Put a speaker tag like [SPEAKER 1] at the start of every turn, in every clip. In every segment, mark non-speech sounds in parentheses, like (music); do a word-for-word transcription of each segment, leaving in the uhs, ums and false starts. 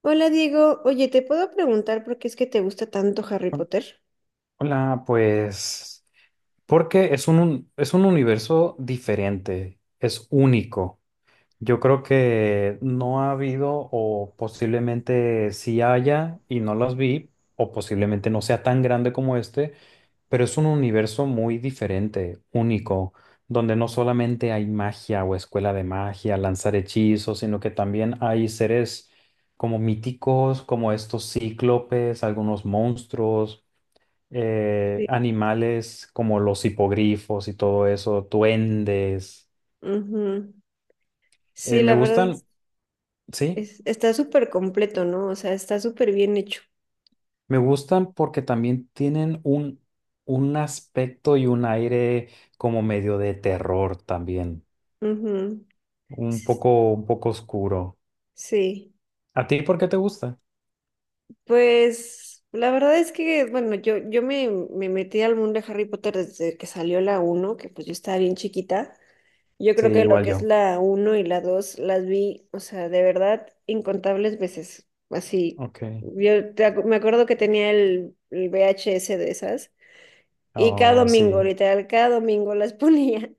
[SPEAKER 1] Hola Diego, oye, ¿te puedo preguntar por qué es que te gusta tanto Harry Potter?
[SPEAKER 2] Hola, pues porque es un, un- es un universo diferente, es único. Yo creo que no ha habido o posiblemente sí haya y no los vi o posiblemente no sea tan grande como este, pero es un universo muy diferente, único, donde no solamente hay magia o escuela de magia, lanzar hechizos, sino que también hay seres como míticos, como estos cíclopes, algunos monstruos eh,
[SPEAKER 1] Sí.
[SPEAKER 2] animales como los hipogrifos y todo eso, duendes.
[SPEAKER 1] Ujú.
[SPEAKER 2] Eh,
[SPEAKER 1] Sí,
[SPEAKER 2] me
[SPEAKER 1] la verdad
[SPEAKER 2] gustan,
[SPEAKER 1] es-
[SPEAKER 2] sí,
[SPEAKER 1] es- está súper completo, ¿no? O sea, está súper bien hecho.
[SPEAKER 2] me gustan porque también tienen un, un aspecto y un aire como medio de terror también,
[SPEAKER 1] Ujú.
[SPEAKER 2] un
[SPEAKER 1] S-
[SPEAKER 2] poco, un poco oscuro.
[SPEAKER 1] Sí.
[SPEAKER 2] ¿A ti por qué te gusta?
[SPEAKER 1] Pues la verdad es que, bueno, yo, yo me, me metí al mundo de Harry Potter desde que salió la uno, que pues yo estaba bien chiquita. Yo
[SPEAKER 2] Sí,
[SPEAKER 1] creo que lo
[SPEAKER 2] igual
[SPEAKER 1] que es
[SPEAKER 2] yo.
[SPEAKER 1] la uno y la dos las vi, o sea, de verdad, incontables veces. Así,
[SPEAKER 2] Ok.
[SPEAKER 1] yo te acu- me acuerdo que tenía el, el V H S de esas y cada
[SPEAKER 2] Oh,
[SPEAKER 1] domingo,
[SPEAKER 2] sí.
[SPEAKER 1] literal, cada domingo las (laughs) ponía.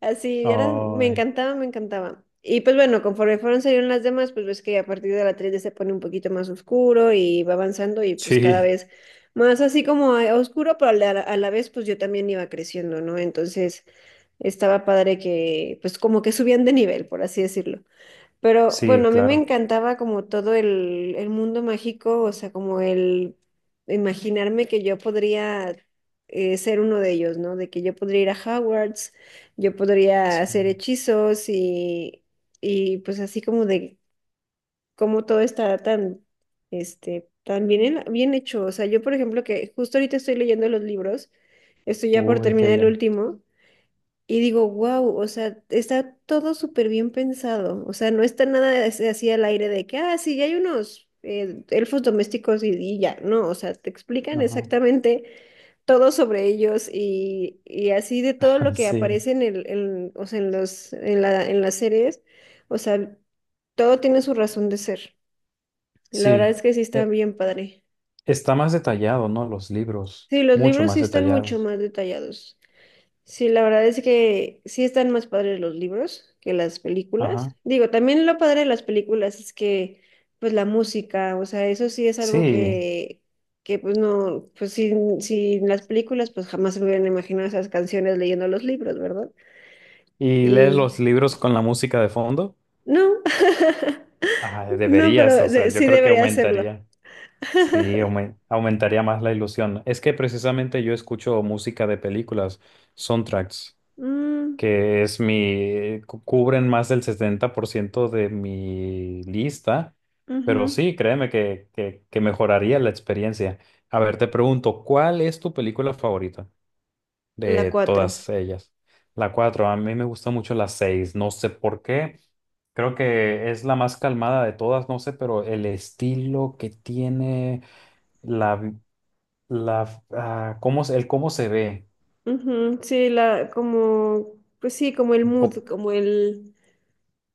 [SPEAKER 1] Así, era, me
[SPEAKER 2] Oh,
[SPEAKER 1] encantaba, me encantaba. Y pues bueno, conforme fueron saliendo las demás, pues ves que a partir de la tres d se pone un poquito más oscuro y va avanzando y pues cada
[SPEAKER 2] sí,
[SPEAKER 1] vez más así como a- oscuro, pero a la, a la vez pues yo también iba creciendo, ¿no? Entonces estaba padre que pues como que subían de nivel, por así decirlo. Pero
[SPEAKER 2] sí,
[SPEAKER 1] bueno, a mí me
[SPEAKER 2] claro.
[SPEAKER 1] encantaba como todo el, el mundo mágico, o sea, como el imaginarme que yo podría eh, ser uno de ellos, ¿no? De que yo podría ir a Hogwarts, yo podría
[SPEAKER 2] Sí.
[SPEAKER 1] hacer hechizos y, y pues así como de cómo todo está tan, este, tan bien, en- bien hecho. O sea, yo por ejemplo que justo ahorita estoy leyendo los libros, estoy ya por
[SPEAKER 2] Uy, qué
[SPEAKER 1] terminar el
[SPEAKER 2] bien.
[SPEAKER 1] último. Y digo, wow, o sea, está todo súper bien pensado. O sea, no está nada as- así al aire de que, ah, sí, ya hay unos eh, elfos domésticos y, y ya. No, o sea, te explican
[SPEAKER 2] Ajá.
[SPEAKER 1] exactamente todo sobre ellos y, y así de todo lo
[SPEAKER 2] (laughs)
[SPEAKER 1] que
[SPEAKER 2] Sí,
[SPEAKER 1] aparece en el, en- o sea, en los, en la, en las series. O sea, todo tiene su razón de ser. Y la verdad
[SPEAKER 2] sí.
[SPEAKER 1] es que sí está
[SPEAKER 2] Eh,
[SPEAKER 1] bien padre.
[SPEAKER 2] Está más detallado, ¿no? Los libros,
[SPEAKER 1] Sí, los
[SPEAKER 2] mucho
[SPEAKER 1] libros sí
[SPEAKER 2] más
[SPEAKER 1] están mucho
[SPEAKER 2] detallados.
[SPEAKER 1] más detallados. Sí, la verdad es que sí están más padres los libros que las
[SPEAKER 2] Ajá.
[SPEAKER 1] películas. Digo, también lo padre de las películas es que, pues la música, o sea, eso sí es algo
[SPEAKER 2] Sí.
[SPEAKER 1] que, que pues no, pues sin, sin las películas, pues jamás se me hubieran imaginado esas canciones leyendo los libros, ¿verdad?
[SPEAKER 2] ¿Y lees los
[SPEAKER 1] Y
[SPEAKER 2] libros con la música de fondo?
[SPEAKER 1] no,
[SPEAKER 2] Ajá,
[SPEAKER 1] (laughs) no,
[SPEAKER 2] deberías,
[SPEAKER 1] pero
[SPEAKER 2] o sea,
[SPEAKER 1] de-
[SPEAKER 2] yo
[SPEAKER 1] sí
[SPEAKER 2] creo que
[SPEAKER 1] debería hacerlo.
[SPEAKER 2] aumentaría. Sí, aumen- aumentaría más la ilusión. Es que precisamente yo escucho música de películas, soundtracks,
[SPEAKER 1] Mm,
[SPEAKER 2] que es mi, cu- cubren más del setenta por ciento de mi lista,
[SPEAKER 1] ujú.
[SPEAKER 2] pero sí, créeme que, que, que mejoraría la experiencia. A ver, te pregunto, ¿cuál es tu película favorita
[SPEAKER 1] La
[SPEAKER 2] de
[SPEAKER 1] cuatro.
[SPEAKER 2] todas ellas? La cuatro. A mí me gusta mucho la seis, no sé por qué. Creo que es la más calmada de todas, no sé, pero el estilo que tiene, la, vi- la, ah, cómo, se- el cómo se ve.
[SPEAKER 1] Ujú, sí, la, como, pues sí, como el
[SPEAKER 2] un
[SPEAKER 1] mood,
[SPEAKER 2] po-
[SPEAKER 1] como el...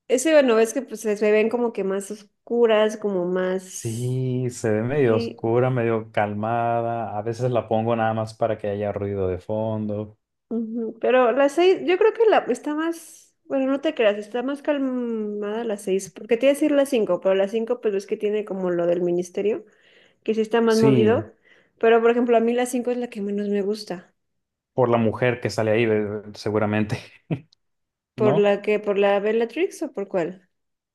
[SPEAKER 1] Ese no ves que pues se se ven como que más oscuras, como más.
[SPEAKER 2] sí, se ve medio
[SPEAKER 1] Sí.
[SPEAKER 2] oscura, medio calmada. A veces la pongo nada más para que haya ruido de fondo.
[SPEAKER 1] Ujú. Pero las seis, yo creo que la está más, bueno, no te creas, está más calmada las seis, porque te iba a decir las cinco, pero las cinco pues es que tiene como lo del ministerio, que sí está más
[SPEAKER 2] Sí,
[SPEAKER 1] movido. Pero por ejemplo, a mí las cinco es la que menos me gusta.
[SPEAKER 2] por la mujer que sale ahí, eh, seguramente, (laughs)
[SPEAKER 1] ¿Por
[SPEAKER 2] ¿no?
[SPEAKER 1] la que, por la Bellatrix o por cuál?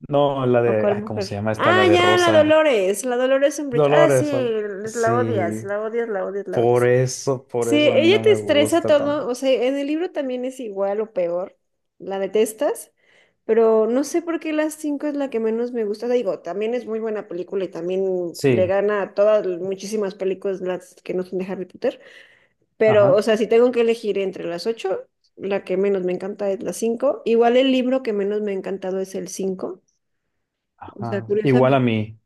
[SPEAKER 2] No, la
[SPEAKER 1] ¿O
[SPEAKER 2] de,
[SPEAKER 1] cuál
[SPEAKER 2] ay, ¿cómo se
[SPEAKER 1] mujer?
[SPEAKER 2] llama esta? La
[SPEAKER 1] Ah,
[SPEAKER 2] de
[SPEAKER 1] ya, la
[SPEAKER 2] Rosa.
[SPEAKER 1] Dolores, la Dolores Umbridge. Ah, sí,
[SPEAKER 2] Dolores son.
[SPEAKER 1] la
[SPEAKER 2] Sí,
[SPEAKER 1] odias, la odias, la odias, la
[SPEAKER 2] por
[SPEAKER 1] odias.
[SPEAKER 2] eso, por
[SPEAKER 1] Sí,
[SPEAKER 2] eso a mí
[SPEAKER 1] ella
[SPEAKER 2] no
[SPEAKER 1] te
[SPEAKER 2] me
[SPEAKER 1] estresa
[SPEAKER 2] gusta
[SPEAKER 1] todo, o
[SPEAKER 2] tampoco.
[SPEAKER 1] sea, en el libro también es igual o peor, la detestas, pero no sé por qué las cinco es la que menos me gusta. Digo, también es muy buena película y también le
[SPEAKER 2] Sí,
[SPEAKER 1] gana a todas muchísimas películas las que no son de Harry Potter, pero o
[SPEAKER 2] ajá,
[SPEAKER 1] sea, si tengo que elegir entre las ocho, la que menos me encanta es la cinco. Igual el libro que menos me ha encantado es el cinco. O sea,
[SPEAKER 2] ajá. Igual a
[SPEAKER 1] curiosamente,
[SPEAKER 2] mí.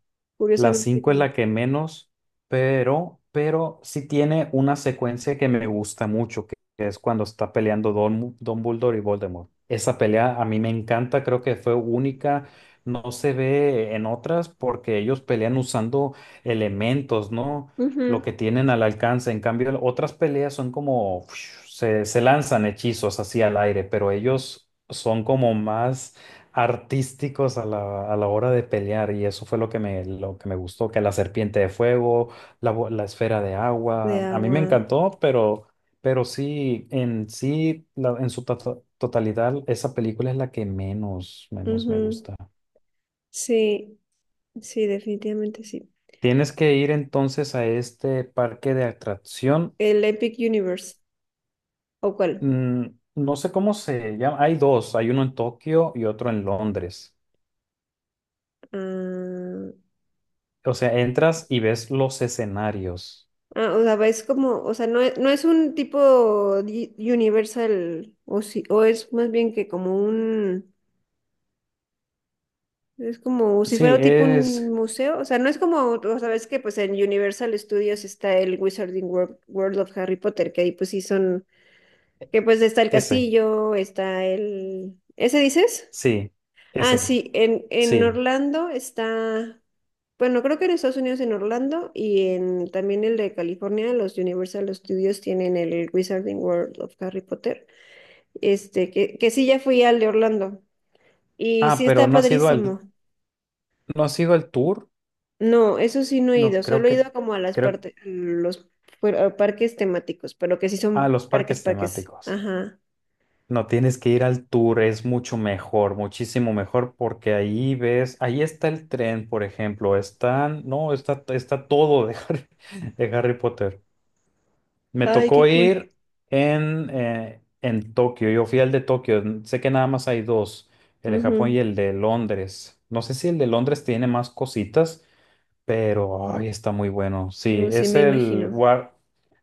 [SPEAKER 2] La
[SPEAKER 1] curiosamente
[SPEAKER 2] cinco es
[SPEAKER 1] como...
[SPEAKER 2] la que menos, pero, pero sí tiene una secuencia que me gusta mucho, que, que es cuando está peleando Don, Dumbledore y Voldemort. Esa pelea a mí me encanta, creo que fue única, no se ve en otras porque ellos pelean usando elementos, ¿no? Lo
[SPEAKER 1] Ujú.
[SPEAKER 2] que tienen al alcance. En cambio, otras peleas son como, (sniffs) se, se lanzan hechizos así al aire, pero ellos son como más artísticos a la, a la hora de pelear, y eso fue lo que me, lo que me gustó, que la serpiente de fuego, la, bo- la esfera de
[SPEAKER 1] De
[SPEAKER 2] agua, a mí me
[SPEAKER 1] agua.
[SPEAKER 2] encantó, pero, pero sí, en sí, la- en su to- totalidad, esa película es la que menos, menos me
[SPEAKER 1] Ujú.
[SPEAKER 2] gusta.
[SPEAKER 1] Sí, sí, definitivamente sí.
[SPEAKER 2] Tienes que ir entonces a este parque de atracción,
[SPEAKER 1] El Epic Universe. ¿O cuál?
[SPEAKER 2] mm, no sé cómo se llama, hay dos, hay uno en Tokio y otro en Londres.
[SPEAKER 1] Ah,
[SPEAKER 2] O sea, entras y ves los escenarios.
[SPEAKER 1] ah, o sea, va- es como, o sea, no es, no es un tipo di- Universal, o si, o es más bien que como un, es como si
[SPEAKER 2] Sí,
[SPEAKER 1] fuera tipo un
[SPEAKER 2] es
[SPEAKER 1] museo, o sea, no es como, o sabes que pues en Universal Studios está el Wizarding World, World of Harry Potter, que ahí pues sí son, que pues está el
[SPEAKER 2] ese,
[SPEAKER 1] castillo, está el, ¿ese dices?
[SPEAKER 2] sí,
[SPEAKER 1] Ah,
[SPEAKER 2] ese,
[SPEAKER 1] sí, en, en
[SPEAKER 2] sí.
[SPEAKER 1] Orlando está, bueno, creo que en Estados Unidos en Orlando y en también el de California, los Universal Studios tienen el Wizarding World of Harry Potter, este, que, que sí ya fui al de Orlando y
[SPEAKER 2] Ah,
[SPEAKER 1] sí
[SPEAKER 2] pero
[SPEAKER 1] está
[SPEAKER 2] no ha sido al,
[SPEAKER 1] padrísimo.
[SPEAKER 2] no ha sido al tour.
[SPEAKER 1] No, eso sí no he
[SPEAKER 2] No,
[SPEAKER 1] ido,
[SPEAKER 2] creo
[SPEAKER 1] solo he
[SPEAKER 2] que,
[SPEAKER 1] ido como a las
[SPEAKER 2] creo,
[SPEAKER 1] partes, los pu- a parques temáticos, pero que sí
[SPEAKER 2] ah,
[SPEAKER 1] son
[SPEAKER 2] los
[SPEAKER 1] parques,
[SPEAKER 2] parques
[SPEAKER 1] parques,
[SPEAKER 2] temáticos.
[SPEAKER 1] ajá.
[SPEAKER 2] No tienes que ir al tour, es mucho mejor, muchísimo mejor, porque ahí ves, ahí está el tren, por ejemplo, están, no, está, está todo de Harry, (laughs) de Harry Potter. Me
[SPEAKER 1] Ay, qué
[SPEAKER 2] tocó
[SPEAKER 1] cool.
[SPEAKER 2] ir en, eh, en Tokio. Yo fui al de Tokio. Sé que nada más hay dos, el de Japón y
[SPEAKER 1] Ujú.
[SPEAKER 2] el de Londres. No sé si el de Londres tiene más cositas, pero ay, está muy bueno. Sí,
[SPEAKER 1] No, sí
[SPEAKER 2] es
[SPEAKER 1] me
[SPEAKER 2] el
[SPEAKER 1] imagino.
[SPEAKER 2] War-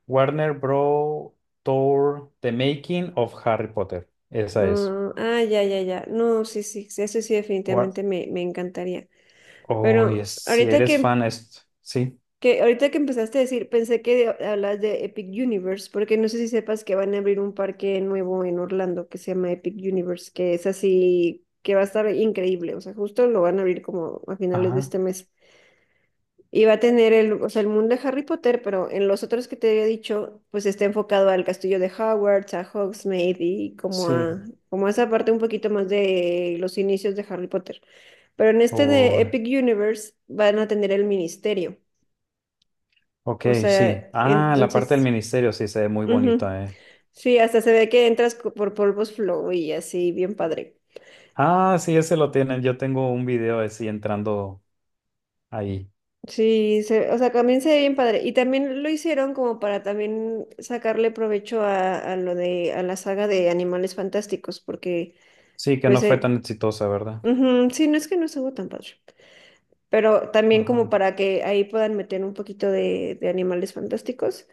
[SPEAKER 2] Warner Bros. Tour The Making of Harry Potter. Esa es.
[SPEAKER 1] Ah, ah, ya, ya, ya. No, sí, sí, sí, eso sí
[SPEAKER 2] War
[SPEAKER 1] definitivamente me, me encantaría.
[SPEAKER 2] Oh, yes.
[SPEAKER 1] Pero
[SPEAKER 2] Si
[SPEAKER 1] ahorita
[SPEAKER 2] eres
[SPEAKER 1] que,
[SPEAKER 2] fan, es. Sí.
[SPEAKER 1] que, ahorita que empezaste a decir, pensé que de- hablas de Epic Universe, porque no sé si sepas que van a abrir un parque nuevo en Orlando que se llama Epic Universe, que es así, que va a estar increíble. O sea, justo lo van a abrir como a finales de
[SPEAKER 2] Ajá.
[SPEAKER 1] este mes. Y va a tener el, o sea, el mundo de Harry Potter, pero en los otros que te había dicho, pues está enfocado al castillo de Hogwarts, a Hogsmeade y como
[SPEAKER 2] Sí.
[SPEAKER 1] a, como a esa parte un poquito más de los inicios de Harry Potter. Pero en este de
[SPEAKER 2] Oh,
[SPEAKER 1] Epic Universe van a tener el ministerio.
[SPEAKER 2] ok,
[SPEAKER 1] O
[SPEAKER 2] sí.
[SPEAKER 1] sea,
[SPEAKER 2] Ah, la parte del
[SPEAKER 1] entonces,
[SPEAKER 2] ministerio sí se ve muy
[SPEAKER 1] ujú.
[SPEAKER 2] bonita, eh.
[SPEAKER 1] Sí, hasta se ve que entras co- por Polvos Flow y así, bien padre.
[SPEAKER 2] Ah, sí, ese lo tienen. Yo tengo un video así entrando ahí.
[SPEAKER 1] Sí, se- o sea, también se ve bien padre. Y también lo hicieron como para también sacarle provecho a, a lo de, a la saga de Animales Fantásticos, porque
[SPEAKER 2] Sí, que
[SPEAKER 1] pues,
[SPEAKER 2] no fue tan
[SPEAKER 1] eh,
[SPEAKER 2] exitosa, ¿verdad?
[SPEAKER 1] ujú, sí, no es que no estuvo tan padre, pero también como
[SPEAKER 2] Ajá,
[SPEAKER 1] para que ahí puedan meter un poquito de, de Animales Fantásticos.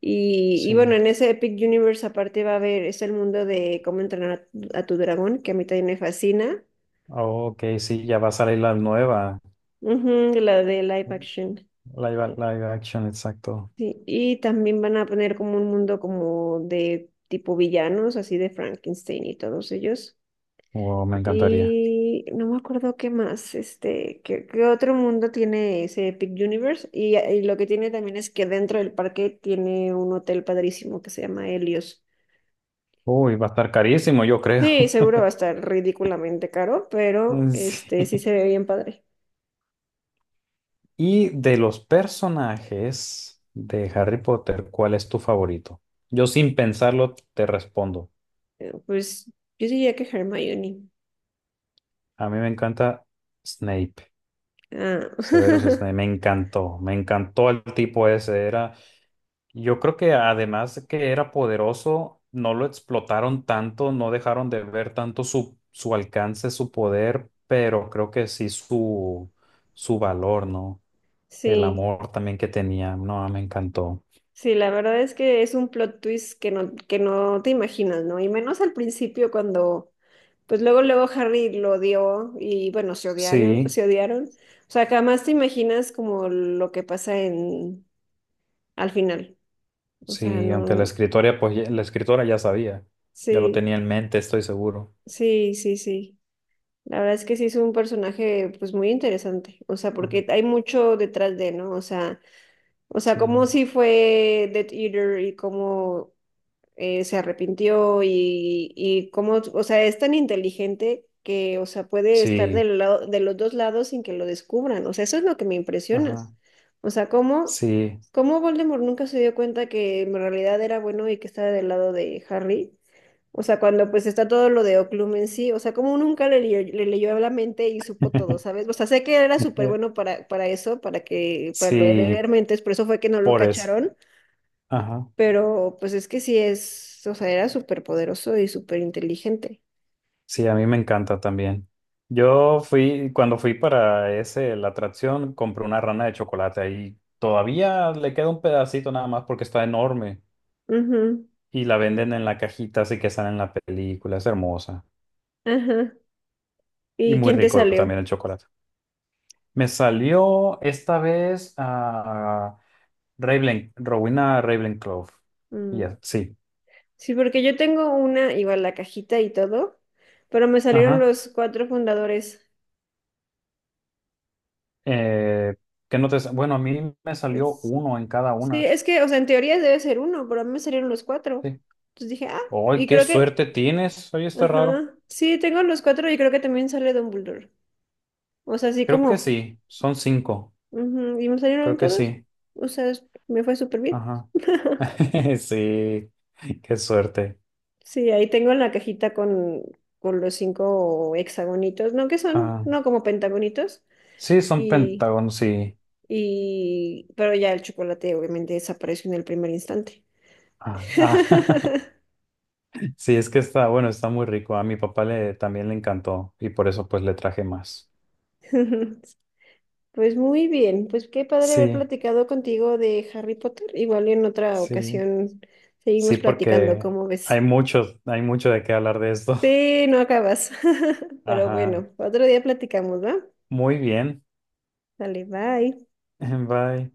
[SPEAKER 1] Y, y bueno,
[SPEAKER 2] sí.
[SPEAKER 1] en ese Epic Universe aparte va a haber, es el mundo de cómo entrenar a, tu a tu dragón, que a mí también me fascina.
[SPEAKER 2] Oh, ok, sí, ya va a salir la nueva.
[SPEAKER 1] Ujú, la de live action.
[SPEAKER 2] Live, live action, exacto.
[SPEAKER 1] Sí, y también van a poner como un mundo como de tipo villanos, así de Frankenstein y todos ellos.
[SPEAKER 2] Wow, me encantaría.
[SPEAKER 1] Y no me acuerdo qué más, este, qué, qué otro mundo tiene ese Epic Universe. Y, y lo que tiene también es que dentro del parque tiene un hotel padrísimo que se llama Helios.
[SPEAKER 2] Uy, va a estar carísimo, yo creo.
[SPEAKER 1] Sí,
[SPEAKER 2] (laughs)
[SPEAKER 1] seguro va a estar ridículamente caro, pero
[SPEAKER 2] Sí.
[SPEAKER 1] este sí se ve bien padre.
[SPEAKER 2] Y de los personajes de Harry Potter, ¿cuál es tu favorito? Yo sin pensarlo te respondo.
[SPEAKER 1] Eh, Pues yo diría que Hermione.
[SPEAKER 2] A mí me encanta Snape, Severus
[SPEAKER 1] Ah,
[SPEAKER 2] Snape. Me encantó, me encantó el tipo ese. Era Yo creo que, además de que era poderoso, no lo explotaron tanto, no dejaron de ver tanto su, su, alcance, su poder, pero creo que sí su, su valor, ¿no?
[SPEAKER 1] (laughs)
[SPEAKER 2] El
[SPEAKER 1] sí.
[SPEAKER 2] amor también que tenía, no, me encantó.
[SPEAKER 1] Sí, la verdad es que es un plot twist que no, que no te imaginas, ¿no? Y menos al principio cuando, pues luego, luego Harry lo odió y bueno, se odiaron,
[SPEAKER 2] Sí,
[SPEAKER 1] se odiaron. O sea, jamás te imaginas como lo que pasa en, al final. O sea,
[SPEAKER 2] sí, aunque la
[SPEAKER 1] no,
[SPEAKER 2] escritora, pues ya- la escritora ya sabía, ya lo
[SPEAKER 1] sí,
[SPEAKER 2] tenía en mente, estoy seguro.
[SPEAKER 1] sí, sí, sí. La verdad es que sí es un personaje, pues muy interesante. O sea,
[SPEAKER 2] Ajá.
[SPEAKER 1] porque hay mucho detrás de, ¿no? O sea, o sea, cómo
[SPEAKER 2] Sí,
[SPEAKER 1] sí fue Death Eater y cómo eh, se arrepintió y, y cómo, o sea, es tan inteligente que, o sea, puede estar
[SPEAKER 2] sí,
[SPEAKER 1] del lado, de los dos lados sin que lo descubran. O sea, eso es lo que me impresiona.
[SPEAKER 2] ajá,
[SPEAKER 1] O sea, cómo,
[SPEAKER 2] sí,
[SPEAKER 1] cómo Voldemort nunca se dio cuenta que en realidad era bueno y que estaba del lado de Harry. O sea, cuando pues está todo lo de Oclum en sí, o sea, como nunca le, leyó- le leyó la mente y supo todo, ¿sabes? O
[SPEAKER 2] (laughs)
[SPEAKER 1] sea, sé que era súper bueno para, para eso, para que, para lo de leer
[SPEAKER 2] sí,
[SPEAKER 1] mentes, por eso fue que no lo
[SPEAKER 2] por eso.
[SPEAKER 1] cacharon,
[SPEAKER 2] Ajá.
[SPEAKER 1] pero pues es que sí es, o sea, era súper poderoso y súper inteligente.
[SPEAKER 2] Sí, a mí me encanta también. Yo fui, cuando fui para ese, la atracción, compré una rana de chocolate y todavía le queda un pedacito nada más porque está enorme
[SPEAKER 1] Ujú,
[SPEAKER 2] y la venden en la cajita, así que sale en la película, es hermosa,
[SPEAKER 1] ajá.
[SPEAKER 2] y
[SPEAKER 1] ¿Y
[SPEAKER 2] muy
[SPEAKER 1] quién te
[SPEAKER 2] rico
[SPEAKER 1] salió?
[SPEAKER 2] también el chocolate. Me salió esta vez a Ravenclaw, Rowena Ravenclaw.
[SPEAKER 1] Mm,
[SPEAKER 2] Ya, sí,
[SPEAKER 1] sí, porque yo tengo una, igual la cajita y todo, pero me salieron
[SPEAKER 2] ajá.
[SPEAKER 1] los cuatro fundadores.
[SPEAKER 2] Eh, ¿qué no te sa- bueno, a mí me salió
[SPEAKER 1] Es-
[SPEAKER 2] uno en cada
[SPEAKER 1] sí,
[SPEAKER 2] una.
[SPEAKER 1] es que, o sea, en teoría debe ser uno, pero a mí me salieron los cuatro.
[SPEAKER 2] Sí.
[SPEAKER 1] Entonces dije, ah,
[SPEAKER 2] ¡Ay,
[SPEAKER 1] y
[SPEAKER 2] qué
[SPEAKER 1] creo que,
[SPEAKER 2] suerte tienes! Oye, está raro.
[SPEAKER 1] ajá, sí, tengo los cuatro y creo que también sale Dumbledore. O sea, así
[SPEAKER 2] Creo que
[SPEAKER 1] como,
[SPEAKER 2] sí, son cinco.
[SPEAKER 1] ujú, y me salieron
[SPEAKER 2] Creo que
[SPEAKER 1] todos.
[SPEAKER 2] sí.
[SPEAKER 1] O sea, es- me fue súper bien.
[SPEAKER 2] Ajá.
[SPEAKER 1] (laughs)
[SPEAKER 2] (laughs) Sí, qué suerte.
[SPEAKER 1] Sí, ahí tengo la cajita con, con los cinco hexagonitos, ¿no? Que son,
[SPEAKER 2] Ah,
[SPEAKER 1] no como pentagonitos.
[SPEAKER 2] sí, son
[SPEAKER 1] Y,
[SPEAKER 2] pentágonos, sí.
[SPEAKER 1] y, pero ya el chocolate obviamente desapareció en el primer instante.
[SPEAKER 2] Ah, ah,
[SPEAKER 1] (laughs)
[SPEAKER 2] (laughs) Sí, es que está, bueno, está muy rico. A mi papá le también le encantó y por eso pues le traje más.
[SPEAKER 1] Pues muy bien, pues qué padre haber
[SPEAKER 2] Sí,
[SPEAKER 1] platicado contigo de Harry Potter. Igual en otra
[SPEAKER 2] sí,
[SPEAKER 1] ocasión seguimos
[SPEAKER 2] sí,
[SPEAKER 1] platicando,
[SPEAKER 2] porque
[SPEAKER 1] ¿cómo
[SPEAKER 2] hay
[SPEAKER 1] ves?
[SPEAKER 2] mucho, hay mucho de qué hablar de esto.
[SPEAKER 1] Sí, no acabas. (laughs)
[SPEAKER 2] (laughs)
[SPEAKER 1] Pero
[SPEAKER 2] Ajá.
[SPEAKER 1] bueno, otro día platicamos, ¿va?
[SPEAKER 2] Muy bien.
[SPEAKER 1] Dale, bye.
[SPEAKER 2] (laughs) Bye.